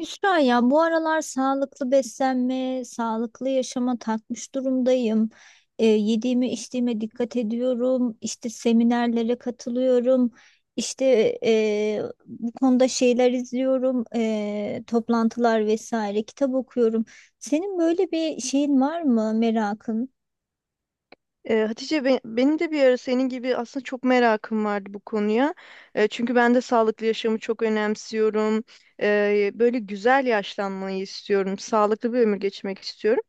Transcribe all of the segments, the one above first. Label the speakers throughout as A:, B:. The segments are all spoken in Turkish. A: Hüsra ya, bu aralar sağlıklı beslenme, sağlıklı yaşama takmış durumdayım. Yediğime içtiğime dikkat ediyorum. İşte seminerlere katılıyorum. İşte bu konuda şeyler izliyorum, toplantılar vesaire. Kitap okuyorum. Senin böyle bir şeyin var mı, merakın?
B: Hatice benim de bir ara senin gibi aslında çok merakım vardı bu konuya. Çünkü ben de sağlıklı yaşamı çok önemsiyorum. Böyle güzel yaşlanmayı istiyorum. Sağlıklı bir ömür geçirmek istiyorum.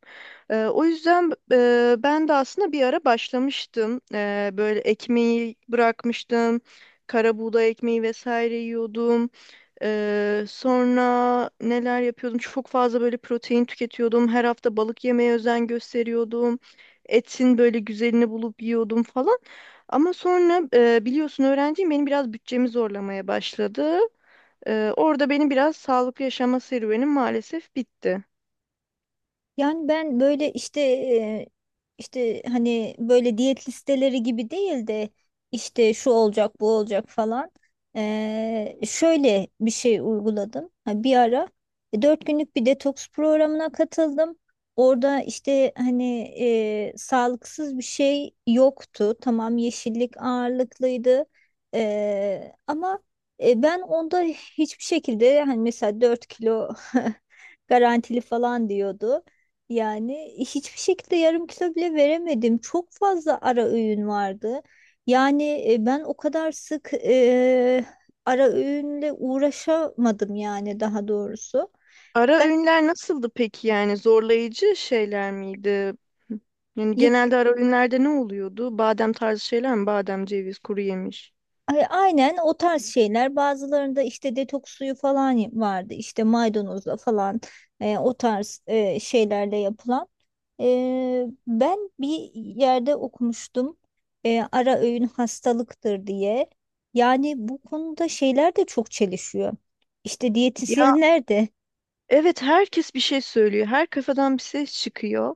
B: O yüzden ben de aslında bir ara başlamıştım. Böyle ekmeği bırakmıştım. Kara buğday ekmeği vesaire yiyordum. Sonra neler yapıyordum? Çok fazla böyle protein tüketiyordum. Her hafta balık yemeye özen gösteriyordum. Etin böyle güzelini bulup yiyordum falan. Ama sonra biliyorsun öğrenciyim, benim biraz bütçemi zorlamaya başladı. Orada benim biraz sağlıklı yaşama serüvenim maalesef bitti.
A: Yani ben böyle işte işte hani böyle diyet listeleri gibi değil de işte şu olacak bu olacak falan. Şöyle bir şey uyguladım. Ha, bir ara 4 günlük bir detoks programına katıldım. Orada işte hani sağlıksız bir şey yoktu. Tamam, yeşillik ağırlıklıydı. Ama ben onda hiçbir şekilde, hani mesela 4 kilo garantili falan diyordu. Yani hiçbir şekilde yarım kilo bile veremedim. Çok fazla ara öğün vardı. Yani ben o kadar sık ara öğünle uğraşamadım, yani daha doğrusu.
B: Ara
A: Ben
B: öğünler nasıldı peki, yani zorlayıcı şeyler miydi? Yani genelde ara öğünlerde ne oluyordu? Badem tarzı şeyler mi? Badem, ceviz, kuru yemiş.
A: Aynen o tarz şeyler. Bazılarında işte detoks suyu falan vardı. İşte maydanozla falan o tarz şeylerle yapılan. E, ben bir yerde okumuştum. E, ara öğün hastalıktır diye. Yani bu konuda şeyler de çok çelişiyor. İşte diyetisyenler de
B: Evet, herkes bir şey söylüyor. Her kafadan bir ses çıkıyor.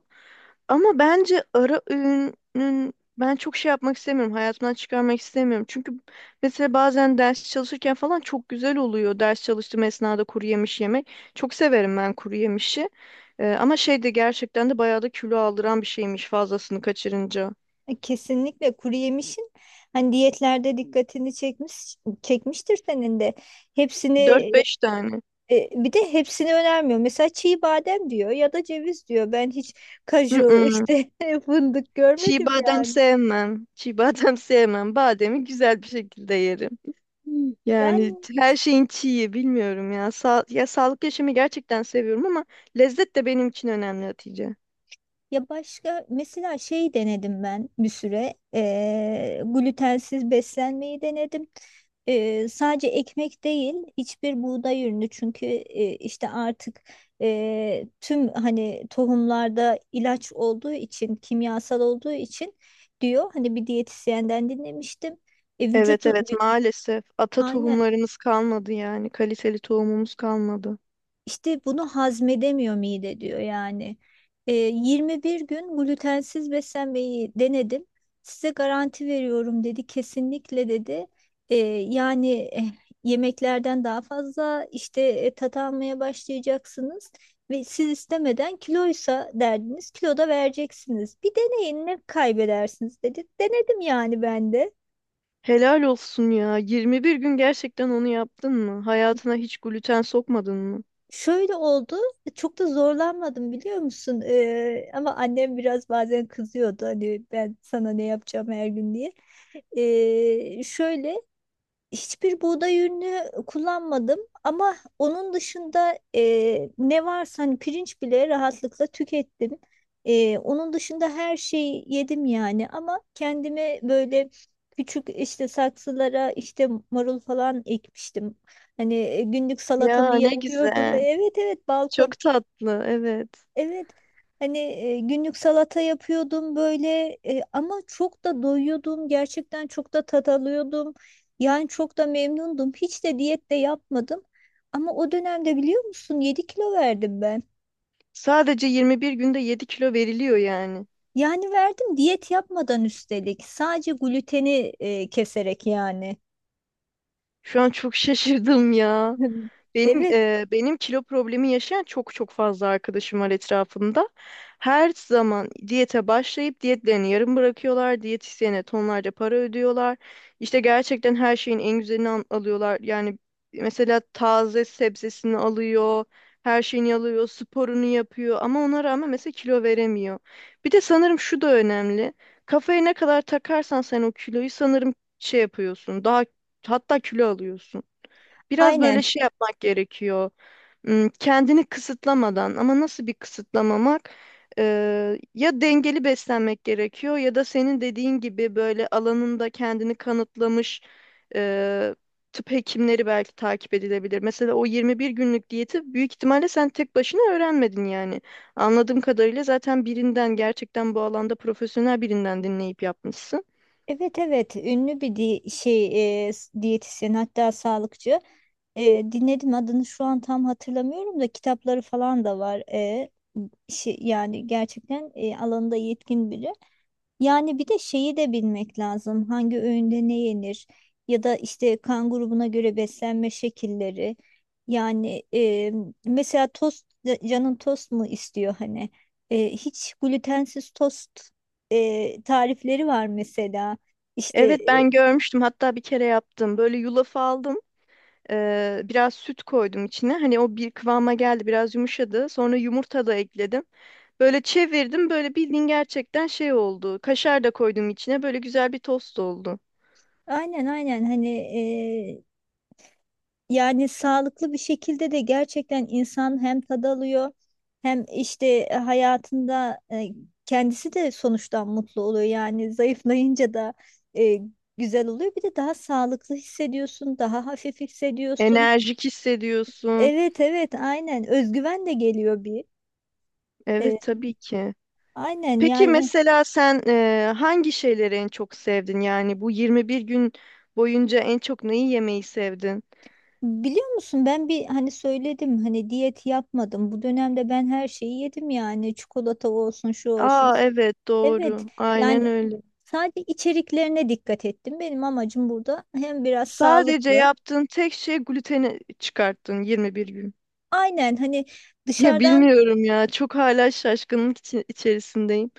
B: Ama bence ara öğünün ben çok şey yapmak istemiyorum. Hayatımdan çıkarmak istemiyorum. Çünkü mesela bazen ders çalışırken falan çok güzel oluyor. Ders çalıştığım esnada kuru yemiş yemek. Çok severim ben kuru yemişi. Ama şey de gerçekten de bayağı da kilo aldıran bir şeymiş fazlasını kaçırınca.
A: kesinlikle kuru yemişin hani diyetlerde dikkatini çekmiştir senin de. Hepsini,
B: Dört beş tane.
A: Bir de hepsini önermiyor. Mesela çiğ badem diyor ya da ceviz diyor. Ben hiç kaju,
B: Mm-mm.
A: işte fındık
B: Çiğ
A: görmedim
B: badem
A: yani.
B: sevmem. Çiğ badem sevmem. Bademi güzel bir şekilde yerim. Hmm. Yani
A: Yani
B: her şeyin çiği, bilmiyorum ya. Ya sağlıklı yaşamı gerçekten seviyorum, ama lezzet de benim için önemli Hatice.
A: ya, başka mesela şey denedim, ben bir süre glutensiz beslenmeyi denedim. Sadece ekmek değil, hiçbir buğday ürünü, çünkü işte artık tüm hani tohumlarda ilaç olduğu için, kimyasal olduğu için diyor, hani bir diyetisyenden dinlemiştim. E, vücut,
B: Evet evet, maalesef ata
A: aynen.
B: tohumlarımız kalmadı, yani kaliteli tohumumuz kalmadı.
A: İşte bunu hazmedemiyor mide, diyor yani. E, 21 gün glutensiz beslenmeyi denedim. Size garanti veriyorum, dedi. Kesinlikle, dedi. E, yani yemeklerden daha fazla işte tat almaya başlayacaksınız ve siz istemeden, kiloysa derdiniz, kilo da vereceksiniz. Bir deneyin, ne kaybedersiniz, dedi. Denedim yani ben de.
B: Helal olsun ya. 21 gün gerçekten onu yaptın mı? Hayatına hiç gluten sokmadın mı?
A: Şöyle oldu, çok da zorlanmadım, biliyor musun? Ama annem biraz bazen kızıyordu, hani ben sana ne yapacağım her gün diye. Şöyle, hiçbir buğday ürünü kullanmadım ama onun dışında ne varsa, hani pirinç bile rahatlıkla tükettim. E, onun dışında her şeyi yedim yani, ama kendime böyle küçük işte saksılara işte marul falan ekmiştim. Hani günlük salatamı
B: Ya ne
A: yapıyordum.
B: güzel.
A: Evet evet, balkon,
B: Çok tatlı, evet.
A: evet hani, günlük salata yapıyordum böyle, ama çok da doyuyordum, gerçekten çok da tat alıyordum, yani çok da memnundum, hiç de diyet de yapmadım ama o dönemde biliyor musun, 7 kilo verdim ben.
B: Sadece 21 günde 7 kilo veriliyor yani.
A: Yani verdim, diyet yapmadan üstelik, sadece gluteni keserek yani.
B: Şu an çok şaşırdım ya.
A: Evet,
B: Benim kilo problemi yaşayan çok çok fazla arkadaşım var etrafımda. Her zaman diyete başlayıp diyetlerini yarım bırakıyorlar. Diyetisyene tonlarca para ödüyorlar. İşte gerçekten her şeyin en güzelini alıyorlar. Yani mesela taze sebzesini alıyor, her şeyini alıyor, sporunu yapıyor ama ona rağmen mesela kilo veremiyor. Bir de sanırım şu da önemli. Kafaya ne kadar takarsan sen o kiloyu sanırım şey yapıyorsun. Daha, hatta kilo alıyorsun. Biraz böyle
A: aynen.
B: şey yapmak gerekiyor. Hmm. Kendini kısıtlamadan, ama nasıl bir kısıtlamamak? Ya dengeli beslenmek gerekiyor ya da senin dediğin gibi böyle alanında kendini kanıtlamış e, tıp hekimleri belki takip edilebilir. Mesela o 21 günlük diyeti büyük ihtimalle sen tek başına öğrenmedin yani. Anladığım kadarıyla zaten birinden, gerçekten bu alanda profesyonel birinden dinleyip yapmışsın.
A: Evet evet, ünlü bir şey, diyetisyen, hatta sağlıkçı. E, dinledim, adını şu an tam hatırlamıyorum da kitapları falan da var. E, şey, yani gerçekten alanında yetkin biri. Yani bir de şeyi de bilmek lazım. Hangi öğünde ne yenir? Ya da işte kan grubuna göre beslenme şekilleri. Yani mesela tost, canın tost mu istiyor hani? E, hiç glutensiz tost tarifleri var mesela. İşte
B: Evet, ben görmüştüm, hatta bir kere yaptım. Böyle yulaf aldım. Biraz süt koydum içine. Hani o bir kıvama geldi, biraz yumuşadı. Sonra yumurta da ekledim. Böyle çevirdim, böyle bildiğin gerçekten şey oldu. Kaşar da koydum içine. Böyle güzel bir tost oldu.
A: aynen aynen hani, yani sağlıklı bir şekilde de gerçekten insan hem tad alıyor hem işte hayatında kendisi de sonuçtan mutlu oluyor. Yani zayıflayınca da e, güzel oluyor. Bir de daha sağlıklı hissediyorsun, daha hafif hissediyorsun.
B: Enerjik hissediyorsun.
A: Evet evet, aynen, özgüven de geliyor bir. E,
B: Evet, tabii ki.
A: aynen
B: Peki
A: yani,
B: mesela sen hangi şeyleri en çok sevdin? Yani bu 21 gün boyunca en çok neyi yemeyi sevdin?
A: biliyor musun ben bir, hani söyledim, hani diyet yapmadım. Bu dönemde ben her şeyi yedim yani, çikolata olsun şu olsun.
B: Aa evet,
A: Evet.
B: doğru. Aynen
A: Yani
B: öyle.
A: sadece içeriklerine dikkat ettim. Benim amacım burada hem biraz
B: Sadece
A: sağlıklı.
B: yaptığın tek şey gluteni çıkarttın 21 gün.
A: Aynen hani
B: Ya
A: dışarıdan
B: bilmiyorum ya. Çok hala şaşkınlık içerisindeyim.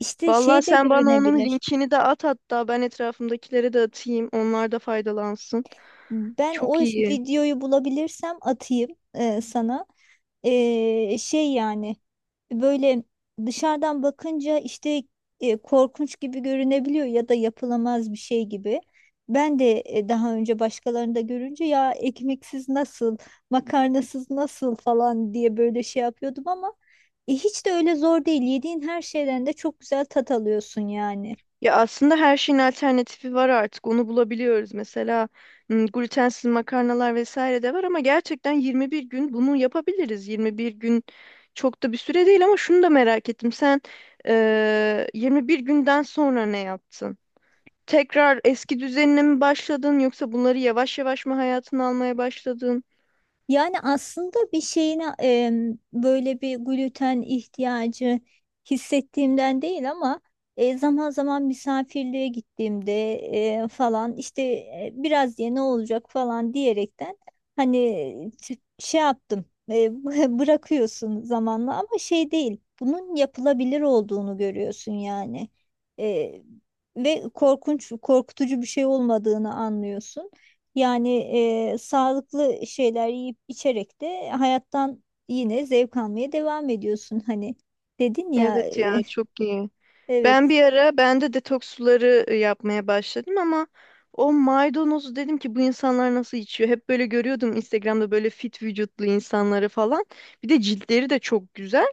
A: işte
B: Vallahi
A: şey de
B: sen bana onun
A: görünebilir.
B: linkini de at, hatta ben etrafımdakilere de atayım. Onlar da faydalansın.
A: Ben o
B: Çok iyi.
A: videoyu bulabilirsem atayım sana. Şey, yani böyle dışarıdan bakınca işte korkunç gibi görünebiliyor ya da yapılamaz bir şey gibi. Ben de daha önce başkalarını da görünce, ya ekmeksiz nasıl, makarnasız nasıl falan diye böyle şey yapıyordum ama hiç de öyle zor değil. Yediğin her şeyden de çok güzel tat alıyorsun yani.
B: Ya aslında her şeyin alternatifi var artık. Onu bulabiliyoruz. Mesela glutensiz makarnalar vesaire de var, ama gerçekten 21 gün bunu yapabiliriz. 21 gün çok da bir süre değil, ama şunu da merak ettim. Sen 21 günden sonra ne yaptın? Tekrar eski düzenine mi başladın, yoksa bunları yavaş yavaş mı hayatına almaya başladın?
A: Yani aslında bir şeyine böyle bir gluten ihtiyacı hissettiğimden değil ama zaman zaman misafirliğe gittiğimde falan işte biraz diye ne olacak falan diyerekten, hani şey yaptım. e, Bırakıyorsun zamanla, ama şey değil, bunun yapılabilir olduğunu görüyorsun yani. E, ve korkunç, korkutucu bir şey olmadığını anlıyorsun. Yani sağlıklı şeyler yiyip içerek de hayattan yine zevk almaya devam ediyorsun. Hani dedin ya
B: Evet ya, çok iyi. Ben
A: evet.
B: bir ara ben de detoks suları yapmaya başladım, ama o maydanozu dedim ki bu insanlar nasıl içiyor? Hep böyle görüyordum Instagram'da böyle fit vücutlu insanları falan. Bir de ciltleri de çok güzel.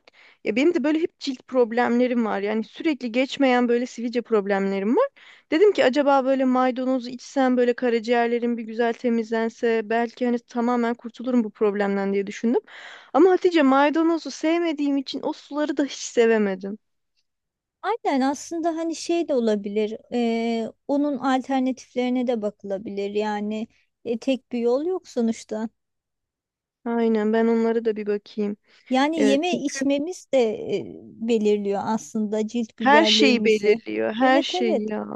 B: Ya benim de böyle hep cilt problemlerim var. Yani sürekli geçmeyen böyle sivilce problemlerim var. Dedim ki acaba böyle maydanozu içsem böyle karaciğerlerim bir güzel temizlense, belki hani tamamen kurtulurum bu problemden diye düşündüm. Ama Hatice, maydanozu sevmediğim için o suları da hiç sevemedim.
A: Aynen, aslında hani şey de olabilir. Onun alternatiflerine de bakılabilir. Yani tek bir yol yok sonuçta.
B: Aynen, ben onlara da bir bakayım.
A: Yani
B: Evet.
A: yeme
B: Çünkü
A: içmemiz de e, belirliyor aslında cilt
B: her şeyi
A: güzelliğimizi.
B: belirliyor. Her
A: Evet evet.
B: şeyi ya.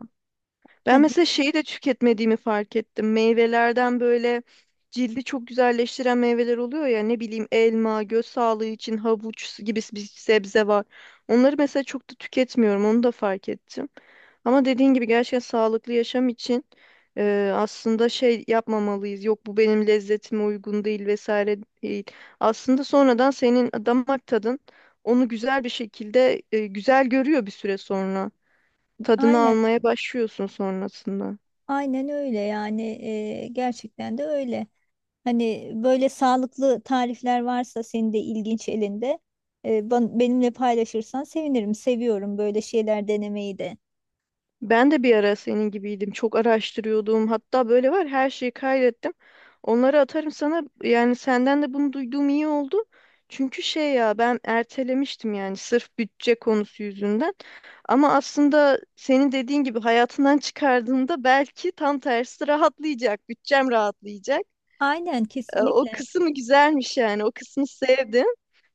B: Ben
A: Hani
B: mesela şeyi de tüketmediğimi fark ettim. Meyvelerden böyle cildi çok güzelleştiren meyveler oluyor ya, ne bileyim elma, göz sağlığı için havuç gibi bir sebze var. Onları mesela çok da tüketmiyorum, onu da fark ettim. Ama dediğin gibi gerçekten sağlıklı yaşam için aslında şey yapmamalıyız. Yok bu benim lezzetime uygun değil vesaire değil. Aslında sonradan senin damak tadın onu güzel bir şekilde güzel görüyor bir süre sonra. Tadını
A: aynen
B: almaya başlıyorsun sonrasında.
A: aynen öyle yani, gerçekten de öyle. Hani böyle sağlıklı tarifler varsa senin de ilginç elinde, benimle paylaşırsan sevinirim. Seviyorum böyle şeyler denemeyi de.
B: Ben de bir ara senin gibiydim. Çok araştırıyordum. Hatta böyle var, her şeyi kaydettim. Onları atarım sana. Yani senden de bunu duyduğum iyi oldu. Çünkü şey ya, ben ertelemiştim yani sırf bütçe konusu yüzünden. Ama aslında senin dediğin gibi hayatından çıkardığında belki tam tersi rahatlayacak. Bütçem rahatlayacak.
A: Aynen,
B: O
A: kesinlikle.
B: kısmı güzelmiş yani. O kısmı sevdim.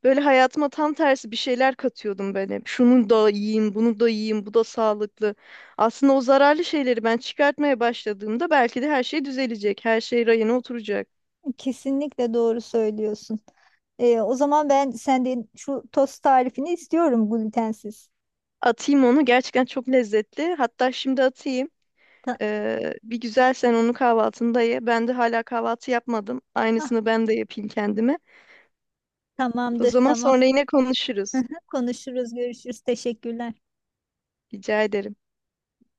B: Böyle hayatıma tam tersi bir şeyler katıyordum ben hep. Şunu da yiyeyim, bunu da yiyeyim, bu da sağlıklı. Aslında o zararlı şeyleri ben çıkartmaya başladığımda belki de her şey düzelecek. Her şey rayına oturacak.
A: Kesinlikle doğru söylüyorsun. E, o zaman ben senden şu tost tarifini istiyorum, glutensiz.
B: Atayım onu. Gerçekten çok lezzetli. Hatta şimdi atayım.
A: Ta-
B: Bir güzel sen onu kahvaltında ye. Ben de hala kahvaltı yapmadım.
A: ah,
B: Aynısını ben de yapayım kendime. O
A: tamamdır,
B: zaman
A: tamam.
B: sonra yine konuşuruz.
A: Konuşuruz, görüşürüz, teşekkürler.
B: Rica ederim.